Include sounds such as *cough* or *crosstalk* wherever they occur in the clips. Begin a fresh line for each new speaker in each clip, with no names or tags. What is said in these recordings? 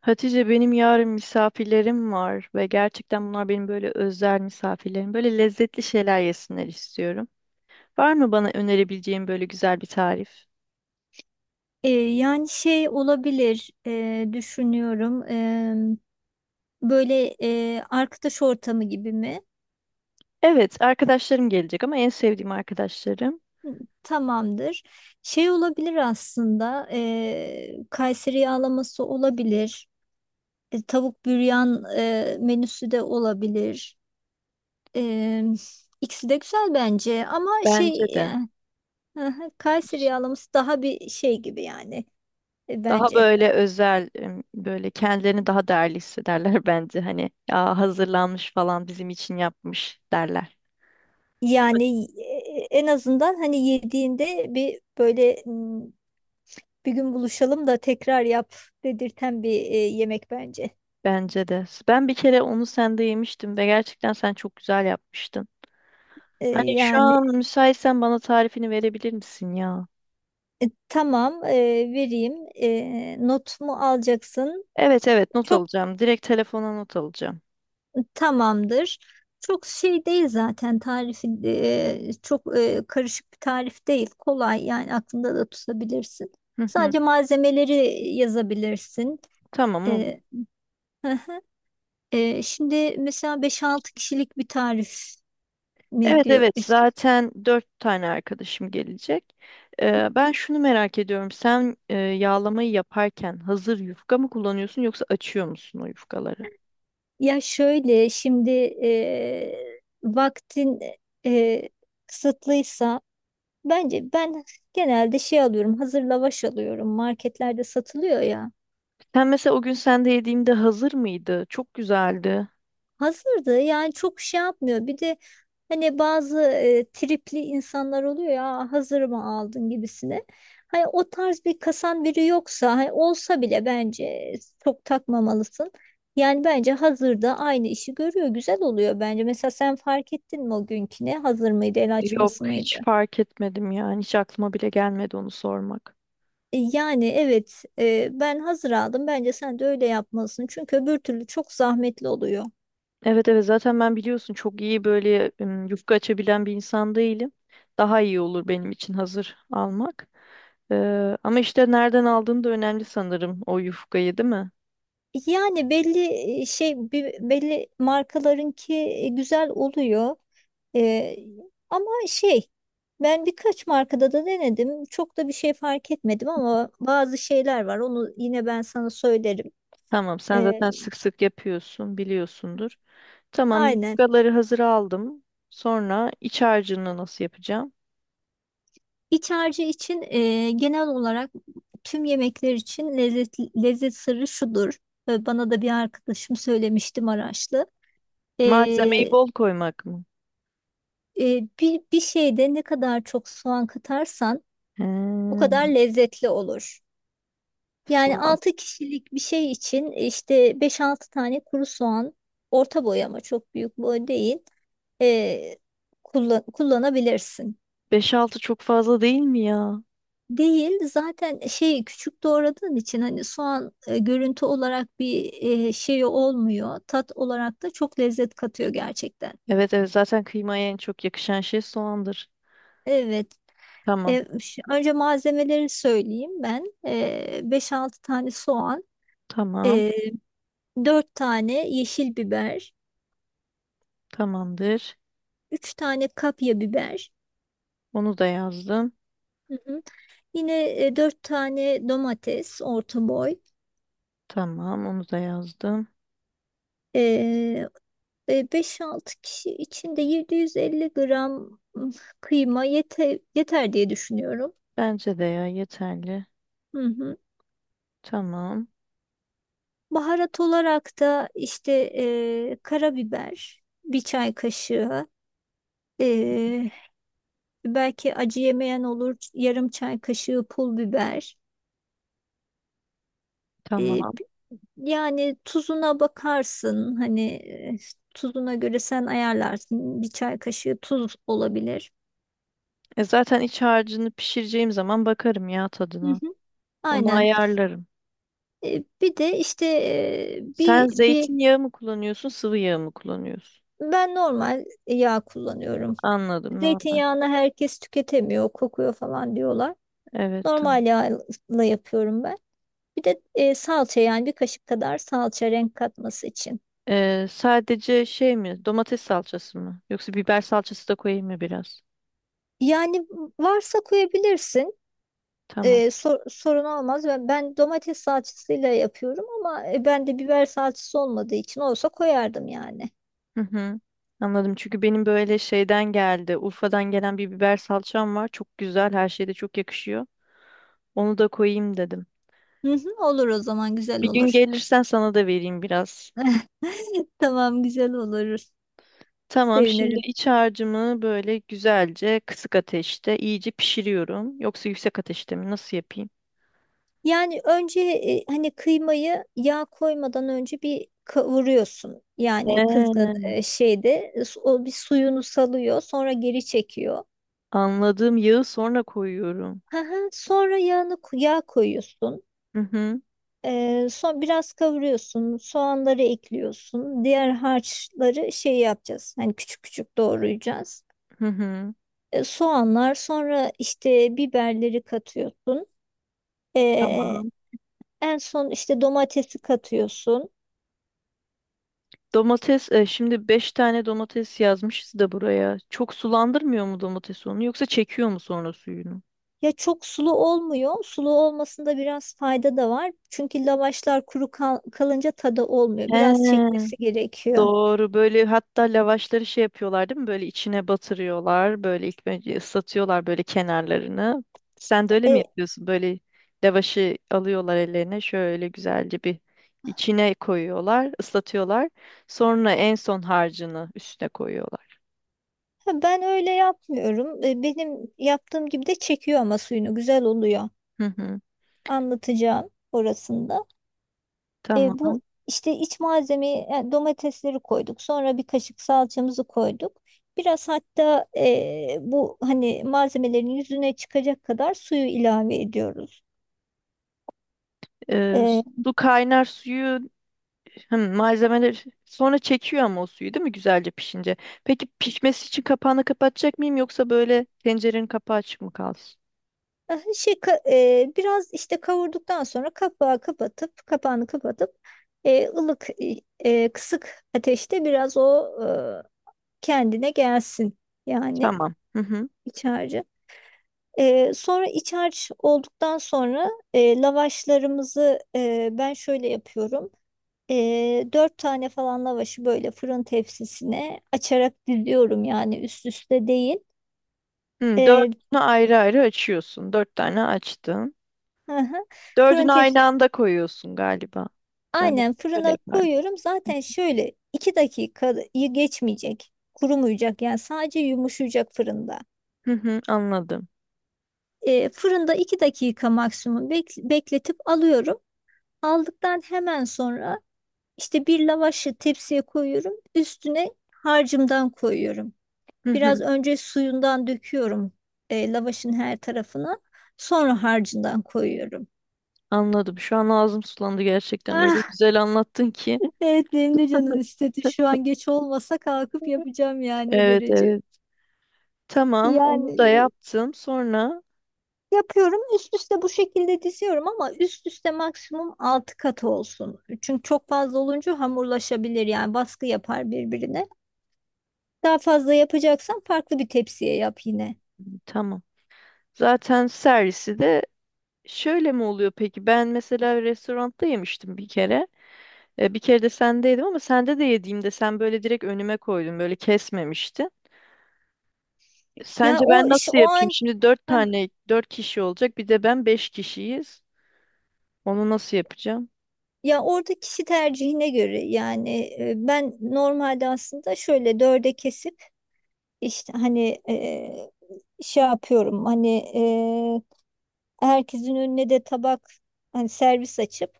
Hatice benim yarın misafirlerim var ve gerçekten bunlar benim böyle özel misafirlerim. Böyle lezzetli şeyler yesinler istiyorum. Var mı bana önerebileceğin böyle güzel bir tarif?
Yani şey olabilir, düşünüyorum. Böyle, arkadaş ortamı gibi mi?
Evet, arkadaşlarım gelecek ama en sevdiğim arkadaşlarım.
Tamamdır. Şey olabilir aslında. Kayseri yağlaması olabilir. Tavuk büryan menüsü de olabilir. E, ikisi de güzel bence. Ama
Bence
şey,
de.
hı hı, Kayseri yağlaması daha bir şey gibi yani,
Daha
bence.
böyle özel, böyle kendilerini daha değerli hissederler *laughs* bence. Hani ya hazırlanmış falan bizim için yapmış derler.
Yani, en azından hani yediğinde bir böyle bir gün buluşalım da tekrar yap dedirten bir, yemek bence.
Bence de. Ben bir kere onu sende yemiştim ve gerçekten sen çok güzel yapmıştın. Hani şu
Yani
an müsaitsen bana tarifini verebilir misin ya?
tamam, vereyim. Not mu alacaksın?
Evet, evet, not
Çok
alacağım. Direkt telefona not alacağım.
tamamdır. Çok şey değil zaten tarifi, çok, karışık bir tarif değil. Kolay yani aklında da tutabilirsin.
Hı hı.
Sadece malzemeleri yazabilirsin.
Tamam, olur.
E, hı hı. Şimdi mesela beş altı kişilik bir tarif mi
Evet
diyor?
evet zaten dört tane arkadaşım gelecek. Ben şunu merak ediyorum. Sen yağlamayı yaparken hazır yufka mı kullanıyorsun yoksa açıyor musun o yufkaları?
Ya şöyle şimdi, vaktin, e, kısıtlıysa bence ben genelde şey alıyorum, hazır lavaş alıyorum, marketlerde satılıyor ya.
Sen mesela o gün sende yediğimde hazır mıydı? Çok güzeldi.
Hazırdı, yani çok şey yapmıyor bir de. Hani bazı, tripli insanlar oluyor ya, "Aa, hazır mı aldın?" gibisine. Hani o tarz bir kasan biri yoksa, hani olsa bile bence çok takmamalısın. Yani bence hazırda aynı işi görüyor, güzel oluyor bence. Mesela sen fark ettin mi o günküne, hazır mıydı, el açması
Yok,
mıydı?
hiç fark etmedim yani. Hiç aklıma bile gelmedi onu sormak.
Yani evet, ben hazır aldım, bence sen de öyle yapmalısın, çünkü öbür türlü çok zahmetli oluyor.
Evet, evet, zaten ben biliyorsun çok iyi böyle yufka açabilen bir insan değilim. Daha iyi olur benim için hazır almak. Ama işte nereden aldığın da önemli sanırım o yufkayı, değil mi?
Yani belli, şey, belli markalarınki, güzel oluyor. Ee, Ama şey, ben birkaç markada da denedim. Çok da bir şey fark etmedim, ama bazı şeyler var, onu yine ben sana söylerim.
Tamam, sen
Ee,
zaten sık sık yapıyorsun biliyorsundur. Tamam,
aynen.
yufkaları hazır aldım. Sonra iç harcını nasıl yapacağım?
İç harcı için, genel olarak tüm yemekler için, lezzet sırrı şudur. Bana da bir arkadaşım söylemişti, Maraşlı.
Malzemeyi
Ee,
bol koymak mı?
bir şeyde ne kadar çok soğan katarsan
He,
o kadar lezzetli olur. Yani
soğan.
6 kişilik bir şey için, işte beş altı tane kuru soğan, orta boy ama çok büyük boy değil, e, kullanabilirsin.
Beş altı çok fazla değil mi ya?
Değil, zaten şey, küçük doğradığın için, hani soğan, görüntü olarak bir, şey olmuyor. Tat olarak da çok lezzet katıyor gerçekten.
Evet, evet, zaten kıymaya en çok yakışan şey soğandır.
Evet.
Tamam.
Önce malzemeleri söyleyeyim ben. 5-6 tane soğan,
Tamam.
e, 4 tane yeşil biber,
Tamamdır.
3 tane kapya biber.
Onu da yazdım.
Hı hı. Yine, dört tane domates, orta boy.
Tamam, onu da yazdım.
E, 5-6 kişi için de 750 gram, kıyma yeter diye düşünüyorum.
Bence de ya, yeterli.
Hı hı.
Tamam,
Baharat olarak da işte, karabiber bir çay kaşığı. e, Belki acı yemeyen olur, yarım çay kaşığı pul biber. E,
tamam.
Yani tuzuna bakarsın hani, tuzuna göre sen ayarlarsın, bir çay kaşığı tuz olabilir.
E, zaten iç harcını pişireceğim zaman bakarım ya
Hı
tadına.
hı.
Onu
Aynen.
ayarlarım.
Bir de işte, e,
Sen
bir bir
zeytinyağı mı kullanıyorsun, sıvı yağ mı kullanıyorsun?
ben normal yağ kullanıyorum.
Anladım, normal.
Zeytinyağını herkes tüketemiyor, kokuyor falan diyorlar.
Evet, tamam.
Normal yağla yapıyorum ben. Bir de, salça, yani bir kaşık kadar salça, renk katması için.
E, sadece şey mi, domates salçası mı? Yoksa biber salçası da koyayım mı biraz?
Yani varsa koyabilirsin.
Tamam.
Sorun olmaz. Ben domates salçasıyla yapıyorum ama, ben de biber salçası olmadığı için, olsa koyardım yani.
Hı hı. Anladım. Çünkü benim böyle şeyden geldi. Urfa'dan gelen bir biber salçam var. Çok güzel. Her şeyde çok yakışıyor. Onu da koyayım dedim.
Hı hı, olur, o zaman güzel
Bir gün
olur.
gelirsen sana da vereyim biraz.
*laughs* Tamam, güzel olur.
Tamam. Şimdi
Sevinirim.
iç harcımı böyle güzelce kısık ateşte iyice pişiriyorum. Yoksa yüksek ateşte mi? Nasıl yapayım?
Yani önce, hani kıymayı yağ koymadan önce bir kavuruyorsun. Yani kızgın,
He.
şeyde, o bir suyunu salıyor, sonra geri çekiyor.
Anladım. Yağı sonra koyuyorum.
Hı hı. Sonra yağını, yağ koyuyorsun.
Hı hı.
Son biraz kavuruyorsun, soğanları ekliyorsun, diğer harçları şey yapacağız, hani küçük küçük doğrayacağız.
Hı hı.
Soğanlar, sonra işte biberleri katıyorsun. Ee,
Tamam.
En son işte domatesi katıyorsun.
Domates, şimdi 5 tane domates yazmışız da buraya. Çok sulandırmıyor mu domates onu yoksa çekiyor mu sonra suyunu?
Ya çok sulu olmuyor. Sulu olmasında biraz fayda da var, çünkü lavaşlar kuru kalınca tadı olmuyor, biraz
He,
çekmesi gerekiyor.
doğru. Böyle hatta lavaşları şey yapıyorlar, değil mi? Böyle içine batırıyorlar. Böyle ilk önce ıslatıyorlar böyle kenarlarını. Sen de öyle mi
Ee,
yapıyorsun? Böyle lavaşı alıyorlar ellerine. Şöyle güzelce bir içine koyuyorlar, ıslatıyorlar. Sonra en son harcını üstüne koyuyorlar.
Ben öyle yapmıyorum. Benim yaptığım gibi de çekiyor ama suyunu, güzel oluyor.
Hı hı.
Anlatacağım orasında.
Tamam.
Bu işte iç malzemeyi, yani domatesleri koyduk. Sonra bir kaşık salçamızı koyduk. Biraz hatta, bu hani malzemelerin yüzüne çıkacak kadar suyu ilave ediyoruz.
Ee,
E,
su kaynar suyu. Hım, malzemeler sonra çekiyor ama o suyu, değil mi, güzelce pişince? Peki pişmesi için kapağını kapatacak mıyım yoksa böyle tencerenin kapağı açık mı kalsın?
ah, şey ka- Biraz işte kavurduktan sonra kapağı kapatıp, kapağını kapatıp, ılık, kısık ateşte biraz o, e, kendine gelsin yani,
Tamam. Hı hı.
iç harcı. Sonra iç harç olduktan sonra, lavaşlarımızı, ben şöyle yapıyorum. Dört tane falan lavaşı böyle fırın tepsisine açarak diziyorum, yani üst üste değil.
Hı,
E,
dördünü ayrı ayrı açıyorsun. Dört tane açtın.
hı hı. Fırın
Dördünü aynı
tepsisi
anda koyuyorsun galiba. Ben de
aynen
öyle
fırına
yapardım.
koyuyorum. Zaten şöyle 2 dakikayı geçmeyecek, kurumayacak, yani sadece yumuşayacak fırında.
Hı hı, anladım.
Fırında 2 dakika maksimum bekletip alıyorum. Aldıktan hemen sonra İşte bir lavaşı tepsiye koyuyorum. Üstüne harcımdan koyuyorum.
Hı hı,
Biraz önce suyundan döküyorum, lavaşın her tarafına. Sonra harcından koyuyorum.
anladım. Şu an ağzım sulandı gerçekten. Öyle
Ah,
güzel anlattın ki.
*laughs* evet, benim de canım istedi. Şu an geç olmasa kalkıp yapacağım, yani o
Evet,
derece.
evet. Tamam,
Yani,
onu da yaptım. Sonra
yapıyorum, üst üste bu şekilde diziyorum, ama üst üste maksimum 6 kat olsun. Çünkü çok fazla olunca hamurlaşabilir, yani baskı yapar birbirine. Daha fazla yapacaksan, farklı bir tepsiye yap yine.
tamam. Zaten servisi de şöyle mi oluyor peki? Ben mesela restoranda yemiştim bir kere. E, bir kere de sende yedim ama sende de yediğimde sen böyle direkt önüme koydun. Böyle kesmemiştin.
Ya
Sence ben nasıl
o
yapayım?
an.
Şimdi dört
Hah.
tane, dört kişi olacak. Bir de ben, beş kişiyiz. Onu nasıl yapacağım?
Ya orada kişi tercihine göre, yani, ben normalde aslında şöyle dörde kesip, işte hani, şey yapıyorum, hani, herkesin önüne de tabak, hani servis açıp,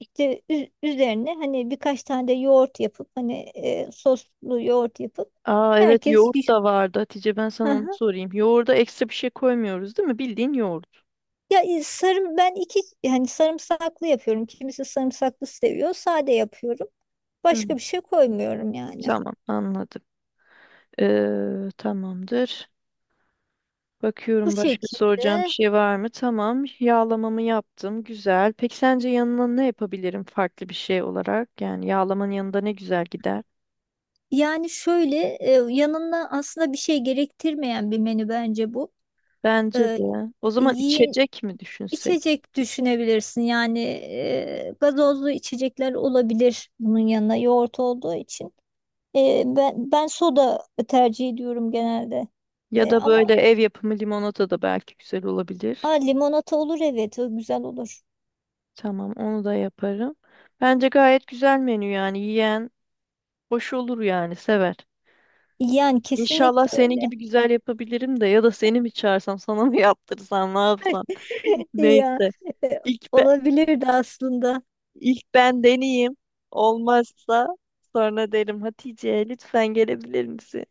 işte üzerine, hani birkaç tane de yoğurt yapıp, hani, soslu yoğurt yapıp,
Aa, evet,
herkes
yoğurt
bir...
da vardı. Hatice, ben sana onu
Aha.
sorayım. Yoğurda ekstra bir şey koymuyoruz, değil mi? Bildiğin yoğurt.
Ya, sarım, ben iki, yani sarımsaklı yapıyorum. Kimisi sarımsaklı seviyor. Sade yapıyorum.
Hı.
Başka bir şey koymuyorum yani.
Tamam, anladım. Tamamdır.
Bu
Bakıyorum başka soracağım bir
şekilde,
şey var mı? Tamam. Yağlamamı yaptım. Güzel. Peki sence yanına ne yapabilirim farklı bir şey olarak? Yani yağlamanın yanında ne güzel gider?
yani şöyle, yanına aslında bir şey gerektirmeyen bir menü bence bu.
Bence
E,
de. O zaman
Yiyin,
içecek mi düşünsek?
içecek düşünebilirsin, yani, gazozlu içecekler olabilir bunun yanına, yoğurt olduğu için. Ben soda tercih ediyorum genelde.
Ya da böyle
Ama
ev yapımı limonata da belki güzel
ha,
olabilir.
limonata olur, evet, o güzel olur.
Tamam, onu da yaparım. Bence gayet güzel menü, yani yiyen hoş olur, yani sever.
Yani
İnşallah
kesinlikle
senin
öyle.
gibi güzel yapabilirim de ya da seni mi çağırsam, sana mı *laughs* yaptırsam, ne yapsam. *laughs*
*laughs* Ya,
Neyse,
e,
ilk, be-
olabilirdi aslında.
ilk ben deneyeyim, olmazsa sonra derim Hatice, lütfen gelebilir misin?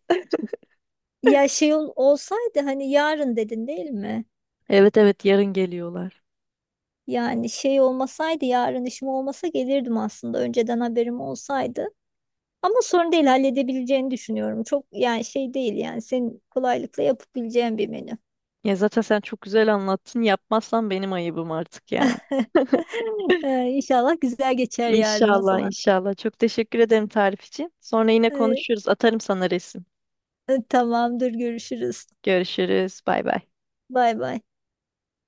Ya şey olsaydı, hani yarın dedin değil mi?
Evet, evet, yarın geliyorlar.
Yani şey olmasaydı, yarın işim olmasa gelirdim aslında, önceden haberim olsaydı. Ama sorun değil, halledebileceğini düşünüyorum. Çok yani şey değil, yani senin kolaylıkla yapabileceğin bir menü.
Ya zaten sen çok güzel anlattın, yapmazsan benim ayıbım artık yani.
*laughs*
*laughs*
İnşallah güzel geçer yarın, o
İnşallah,
zaman.
inşallah, çok teşekkür ederim tarif için. Sonra yine
Ee,
konuşuruz, atarım sana resim.
Tamamdır, görüşürüz.
Görüşürüz, bay bay.
Bay bay.